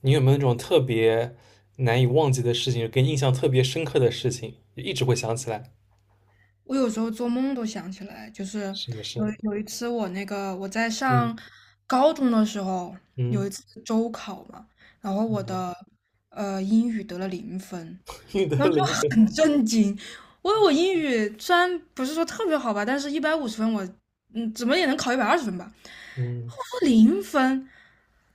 你有没有那种特别难以忘记的事情，给你印象特别深刻的事情，就一直会想起来？我有时候做梦都想起来，就是什么有事？有一次我那个我在嗯上高中的时候，有嗯，一次周考嘛，然后我的 英语得了零分，你的然后就灵魂，很震惊。我英语虽然不是说特别好吧，但是150分我，怎么也能考120分吧。我嗯说零分，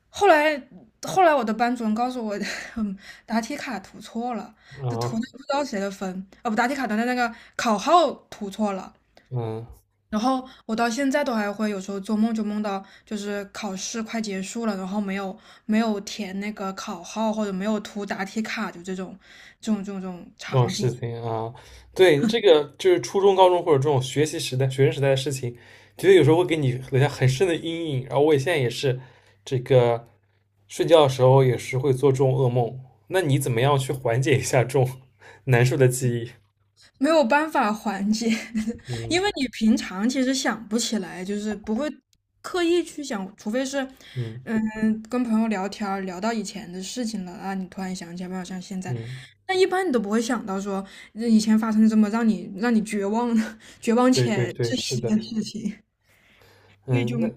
后来后来我的班主任告诉我，嗯答题卡涂错了，就涂啊的不知道谁的分，啊不，答题卡的那个考号涂错了。嗯，然后我到现在都还会有时候做梦就梦到，就是考试快结束了，然后没有填那个考号或者没有涂答题卡，就这种这种场事景。情啊，对，这个就是初中、高中或者这种学习时代、学生时代的事情，觉得有时候会给你留下很深的阴影。然后我也现在也是，这个睡觉的时候也是会做这种噩梦。那你怎么样去缓解一下这种 难受的记忆？没有办法缓解，嗯因为你平常其实想不起来，就是不会刻意去想，除非是，嗯嗯，跟朋友聊天儿聊到以前的事情了啊，你突然想起来，没有像现在，嗯。但一般你都不会想到说以前发生这么让你绝望的 绝望对对且对，窒是息的，的事情，所以就嗯，那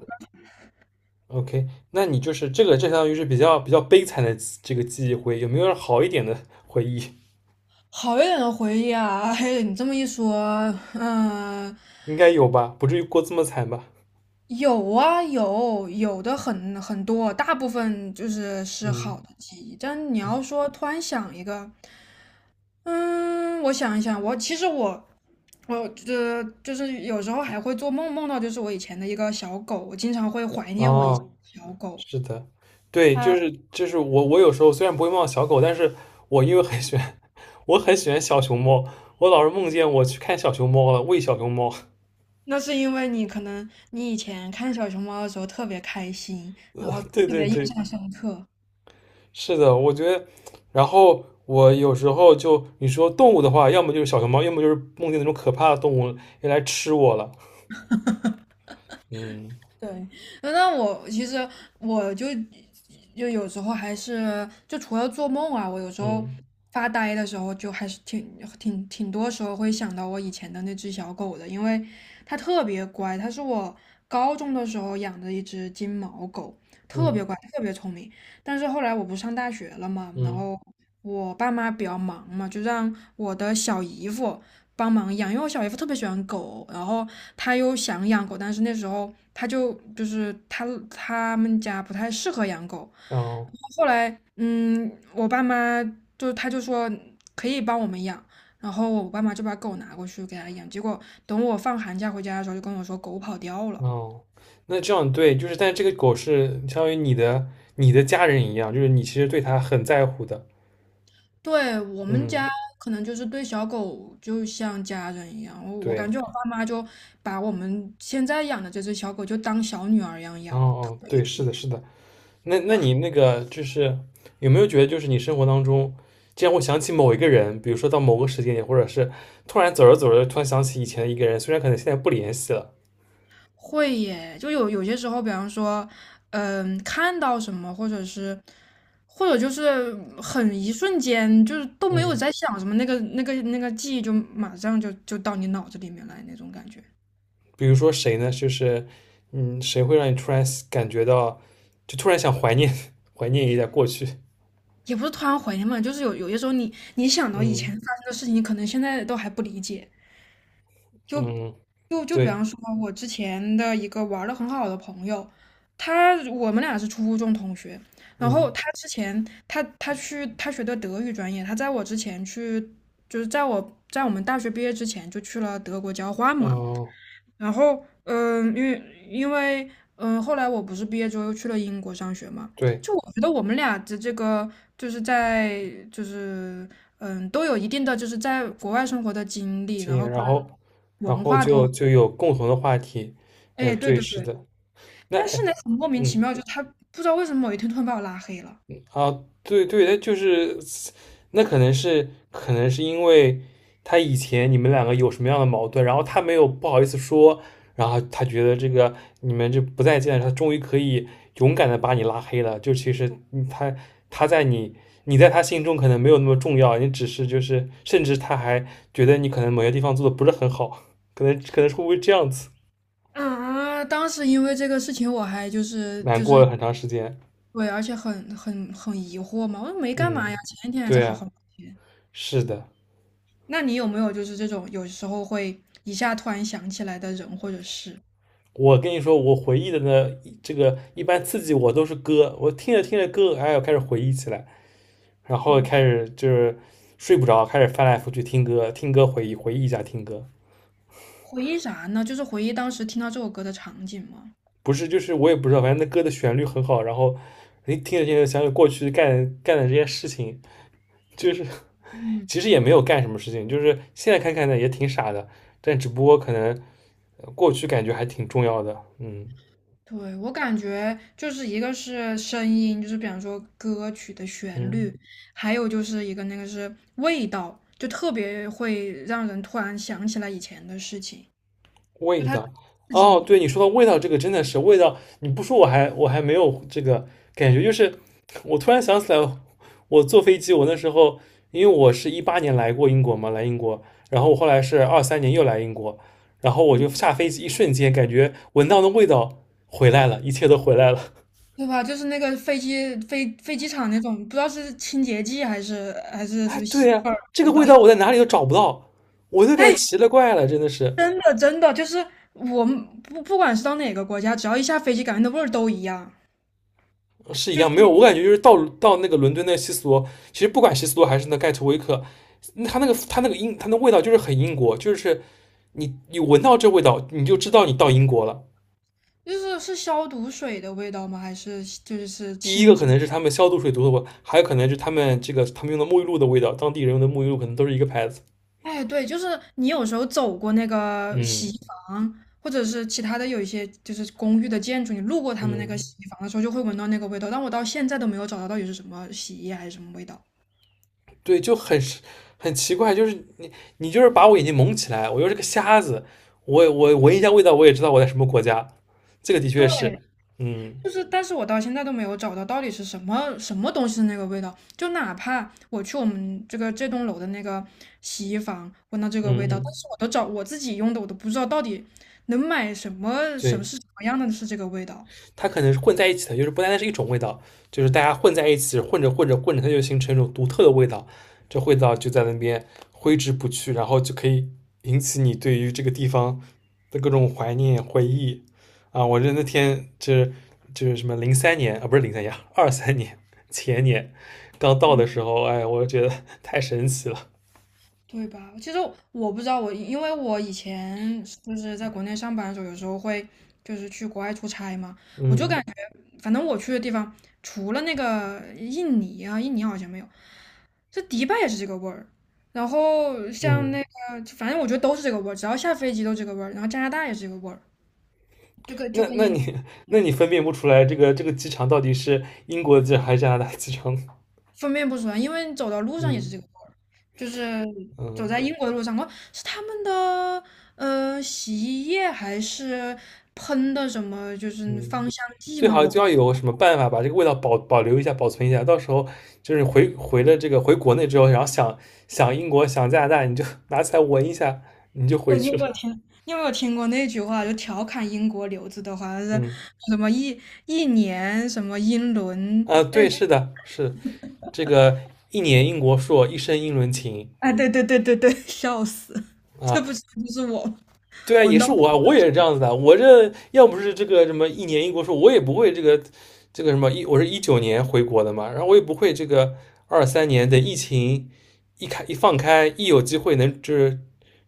OK，那你就是这个，这相当于是比较悲惨的这个记忆回忆，有没有好一点的 回忆？好一点的回忆啊。嘿，你这么一说，嗯、应该有吧，不至于过这么惨吧？有啊，有的很多，大部分就是嗯，好的记忆。但你嗯要说突然想一个，嗯，我想一想，我其实我我呃就是有时候还会做梦，梦到就是我以前的一个小狗，我经常会怀念我以前哦，的小狗。是的，对，它就是我有时候虽然不会梦到小狗，但是我因为很喜欢，我很喜欢小熊猫，我老是梦见我去看小熊猫了，喂小熊猫。那是因为你可能你以前看小熊猫的时候特别开心，然后对特对别印对，象深刻。是的，我觉得，然后我有时候就你说动物的话，要么就是小熊猫，要么就是梦见那种可怕的动物要来吃我了。嗯对，那我其实我就就有时候还是就除了做梦啊，我有时候嗯发呆的时候就还是挺多时候会想到我以前的那只小狗的，因为它特别乖，它是我高中的时候养的一只金毛狗，特别嗯乖，特别聪明。但是后来我不上大学了嘛，然嗯，后我爸妈比较忙嘛，就让我的小姨夫帮忙养，因为我小姨夫特别喜欢狗，然后他又想养狗，但是那时候他就就是他他们家不太适合养狗。然哦后后来，我爸妈就他就说可以帮我们养，然后我爸妈就把狗拿过去给他养。结果等我放寒假回家的时候，就跟我说狗跑掉了。哦，那这样对，就是但这个狗是相当于你的家人一样，就是你其实对它很在乎的。对，我们家嗯，可能就是对小狗就像家人一样，我对，感觉我爸妈就把我们现在养的这只小狗就当小女儿一样哦养。哦，对，是的，是的。那你那个就是有没有觉得，就是你生活当中竟然会想起某一个人，比如说到某个时间点，或者是突然走着走着，突然想起以前的一个人，虽然可能现在不联系了，会耶，就有些时候，比方说，看到什么，或者就是很一瞬间，就是都没有嗯，在想什么，那个记忆就马上就到你脑子里面来那种感觉，比如说谁呢？就是嗯，谁会让你突然感觉到，就突然想怀念 怀念一下过去？也不是突然怀念嘛，就是有些时候你想到以前嗯发生的事情，你可能现在都还不理解。嗯，就比对，方说，我之前的一个玩的很好的朋友，我们俩是初中同学，然后嗯他之前他他去他学的德语专业，他在我之前去，就是在我们大学毕业之前就去了德国交换嘛，哦，然后因为后来我不是毕业之后又去了英国上学嘛，对，就我觉得我们俩的这个就是在就是嗯、都有一定的就是在国外生活的经历，经然后验然跟后然文后化都。就有共同的话题，哎，哎，对对，对是对，的，那但哎是呢，很莫名其嗯。妙，就他不知道为什么某一天突然把我拉黑了啊，对对，他就是那可能是因为他以前你们两个有什么样的矛盾，然后他没有不好意思说，然后他觉得这个你们就不再见，他终于可以勇敢的把你拉黑了。就其实你他他在你你在他心中可能没有那么重要，你只是就是甚至他还觉得你可能某些地方做的不是很好，可能是会不会这样子啊！当时因为这个事情，我还就是难就过是了很长时间。对，而且很疑惑嘛，我说没干嘛呀，嗯，前一天还在对好好啊，聊天。是的。那你有没有就是这种有时候会一下突然想起来的人或者事？我跟你说，我回忆的呢，这个一般刺激我都是歌，我听着听着歌，哎，我开始回忆起来，然后开嗯始就是睡不着，开始翻来覆去听歌，听歌回忆回忆一下听歌，回忆啥呢？就是回忆当时听到这首歌的场景吗？不是就是我也不知道，反正那歌的旋律很好，然后你听着听着想起过去干的这些事情，就是嗯。其实也没有干什么事情，就是现在看看呢也挺傻的，但只不过可能过去感觉还挺重要的，嗯对，我感觉就是一个是声音，就是比方说歌曲的旋嗯律，还有就是一个是味道，就特别会让人突然想起来以前的事情，就味它道，刺激哦，你，对，你说到味道，这个真的是味道，你不说我还没有这个感觉，就是我突然想起来，我坐飞机，我那时候因为我是一八年来过英国嘛，来英国，然后我后来是二三年又来英国，然后我就嗯，下飞机一瞬间感觉闻到的味道回来了，一切都回来了。对吧？就是那个飞机飞飞机场那种，不知道是清洁剂还是什哎，么对吸呀，味儿这个味道。味道我在 哪里都找不到，我都该哎，奇了怪了，真的是。真的真的，就是我们不管是到哪个国家，只要一下飞机，感觉那味儿都一样，是一就样，没有，是我感觉就是到那个伦敦那个西斯罗，其实不管西斯罗还是那盖特威克，那它那个它那个英它那味道就是很英国，就是你闻到这味道，你就知道你到英国了。就是消毒水的味道吗？还是就是第一清个可洁？能是他们消毒水毒的味，还有可能是他们用的沐浴露的味道，当地人用的沐浴露可能都是一个牌子。哎，对，就是你有时候走过那个洗嗯衣房，或者是其他的有一些就是公寓的建筑，你路过他们那个嗯，洗衣房的时候，就会闻到那个味道。但我到现在都没有找到到底是什么洗衣液还是什么味道。对，就很奇怪，就是你就是把我眼睛蒙起来，我又是个瞎子，我闻一下味道，我也知道我在什么国家。这个的确对，是，嗯就是，但是我到现在都没有找到到底是什么什么东西的那个味道。就哪怕我去我们这栋楼的那个洗衣房闻到这个味嗯道，但嗯，是我都找我自己用的，我都不知道到底能买什么什么对。是什么样的是这个味道。它可能是混在一起的，就是不单单是一种味道，就是大家混在一起，混着混着混着，它就形成一种独特的味道，这味道就在那边挥之不去，然后就可以引起你对于这个地方的各种怀念回忆啊！我这那天就是就是什么零三年啊，不是零三年，二三年前年刚到嗯。的时候，哎，我觉得 太神奇了，对吧？其实我不知道，我因为我以前就是在国内上班的时候，有时候会就是去国外出差嘛，我就嗯感反正我去的地方，除了那个印尼啊，印尼好像没有，这迪拜也是这个味儿。然后像嗯。那个，反正我觉得都是这个味儿，只要下飞机都这个味儿。然后加拿大也是这个味儿，就跟就那跟那印。你那你分辨不出来这个机场到底是英国的机场还是加拿大机场？分辨不出来，因为走到路上也是嗯这个味儿，就是走嗯，在英国的路上，我是他们的洗衣液还是喷的什么，就是嗯，芳香剂最吗？好我就不，要有什么办法把这个味道保留一下、保存一下。到时候就是回回了这个回国内之后，然后想想英国、想加拿大，你就 拿起来闻一下，你就回对，你有去了。没有听？你有没有听过那句话？就调侃英国留子的话，是嗯，什么一年什么英伦？啊，哎对，是的，是这个一年英国硕，一生英伦情哎，对对对对对，笑死！这啊。不是就是我吗对啊，闻也到？是我啊，我也是这样子的。我这要不是这个什么一年一国说，我也不会这个这个什么一，我是19年回国的嘛，然后我也不会这个二三年的疫情一开一放开，一有机会能就是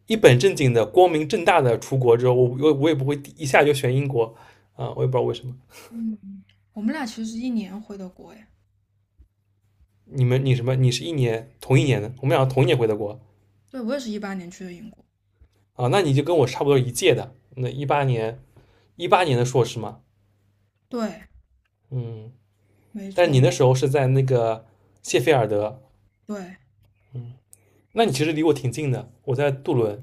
一本正经的、光明正大的出国之后，我也不会一下就选英国啊，我也不知道为什么。嗯，我们俩其实是一年回的国哎，你什么？你是一年同一年的，我们俩同一年回的国对，我也是18年去的英国，啊，那你就跟我差不多一届的，那一八年的硕士嘛，对，嗯。没但错你那没。时候是在那个谢菲尔德，对，那你其实离我挺近的，我在杜伦，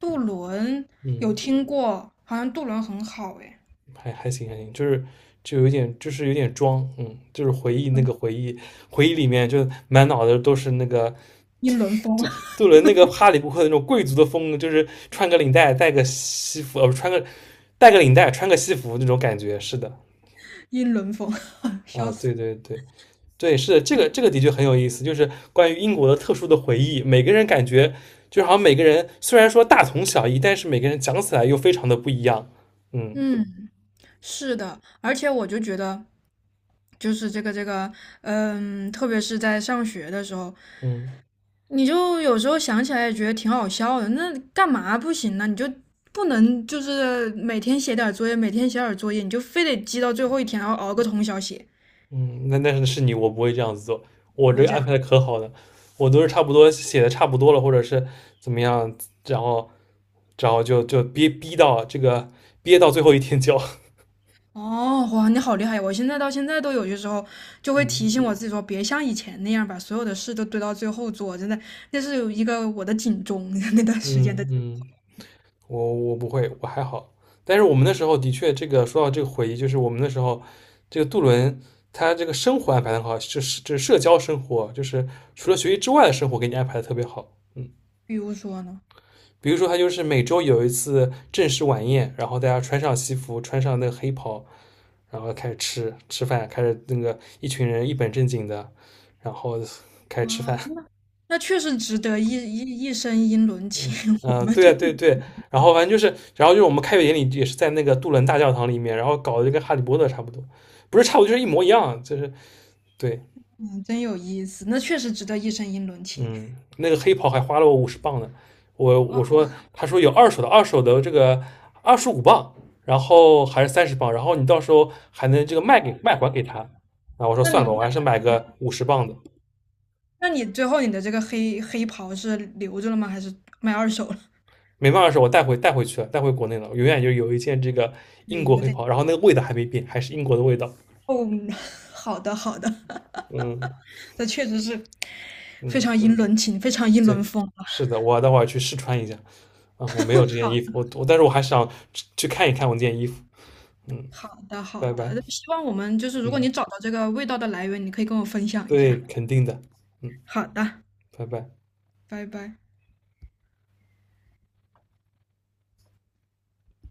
渡轮有嗯，听过，好像渡轮很好诶，还行还行，就是就有点就是有点装，嗯，就是回忆那个回忆回忆里面就满脑子都是那个英伦风，杜 杜伦那个哈利波特那种贵族的风就是穿个领带带个西服，不穿个带个领带穿个西服那种感觉，是的，英伦风，啊，笑死。对对对，对，是的，这个的确很有意思，就是关于英国的特殊的回忆。每个人感觉就好像每个人虽然说大同小异，但是每个人讲起来又非常的不一样。嗯嗯，是的，而且我就觉得，就是这个，特别是在上学的时候，嗯你就有时候想起来也觉得挺好笑的。那干嘛不行呢？你就不能就是每天写点儿作业，每天写点儿作业，你就非得积到最后一天，然后熬个通宵写，嗯，那是你，我不会这样子做，我不这会个这安样。排的可好了，我都是差不多写的差不多了，或者是怎么样，然后然后就憋逼到这个憋到最后一天交。哦，哇，你好厉害！我现在到现在都有些时候就会提嗯醒我自己说，别像以前那样把所有的事都堆到最后做，真的，那是有一个我的警钟。那段时间的，嗯嗯，我不会，我还好。但是我们那时候的确，这个说到这个回忆，就是我们那时候，这个杜伦他这个生活安排的很好，就是社交生活，就是除了学习之外的生活给你安排的特别好。嗯，比如说呢，比如说他就是每周有一次正式晚宴，然后大家穿上西服，穿上那个黑袍，然后开始吃饭，开始那个一群人一本正经的，然后开始吃哇，饭。那确实值得一身英伦嗯情，嗯 我们就对对对，然后反正就是，然后就是我们开学典礼也是在那个杜伦大教堂里面，然后搞得就跟哈利波特差不多，不是差不多就是一模一样，就是对，嗯，真有意思，那确实值得一身英伦情。嗯，那个黑袍还花了我五十磅呢，我哇，我说他说有二手的，二手的这个25磅，然后还是30磅，然后你到时候还能这个卖给卖还给他，啊，我说那算了吧，你我那还是买个五十磅的，那你最后你的这个黑袍是留着了吗？还是卖二手了？没办法，说我带回去了，带回国内了，永远就有一件这个英对，国有黑点袍，然后那个味道还没变，还是英国的味道，哦，好的好的，嗯这确实是非嗯。常英伦情，非常英伦对，风。是的，我待会儿去试穿一下。啊，我没有这件衣服，好但是我还想去看一看我这件衣服。嗯，好的好拜拜。的，希望我们就是如果嗯，你找到这个味道的来源，你可以跟我分享一对，下。肯定的。嗯，好的，拜拜。拜拜。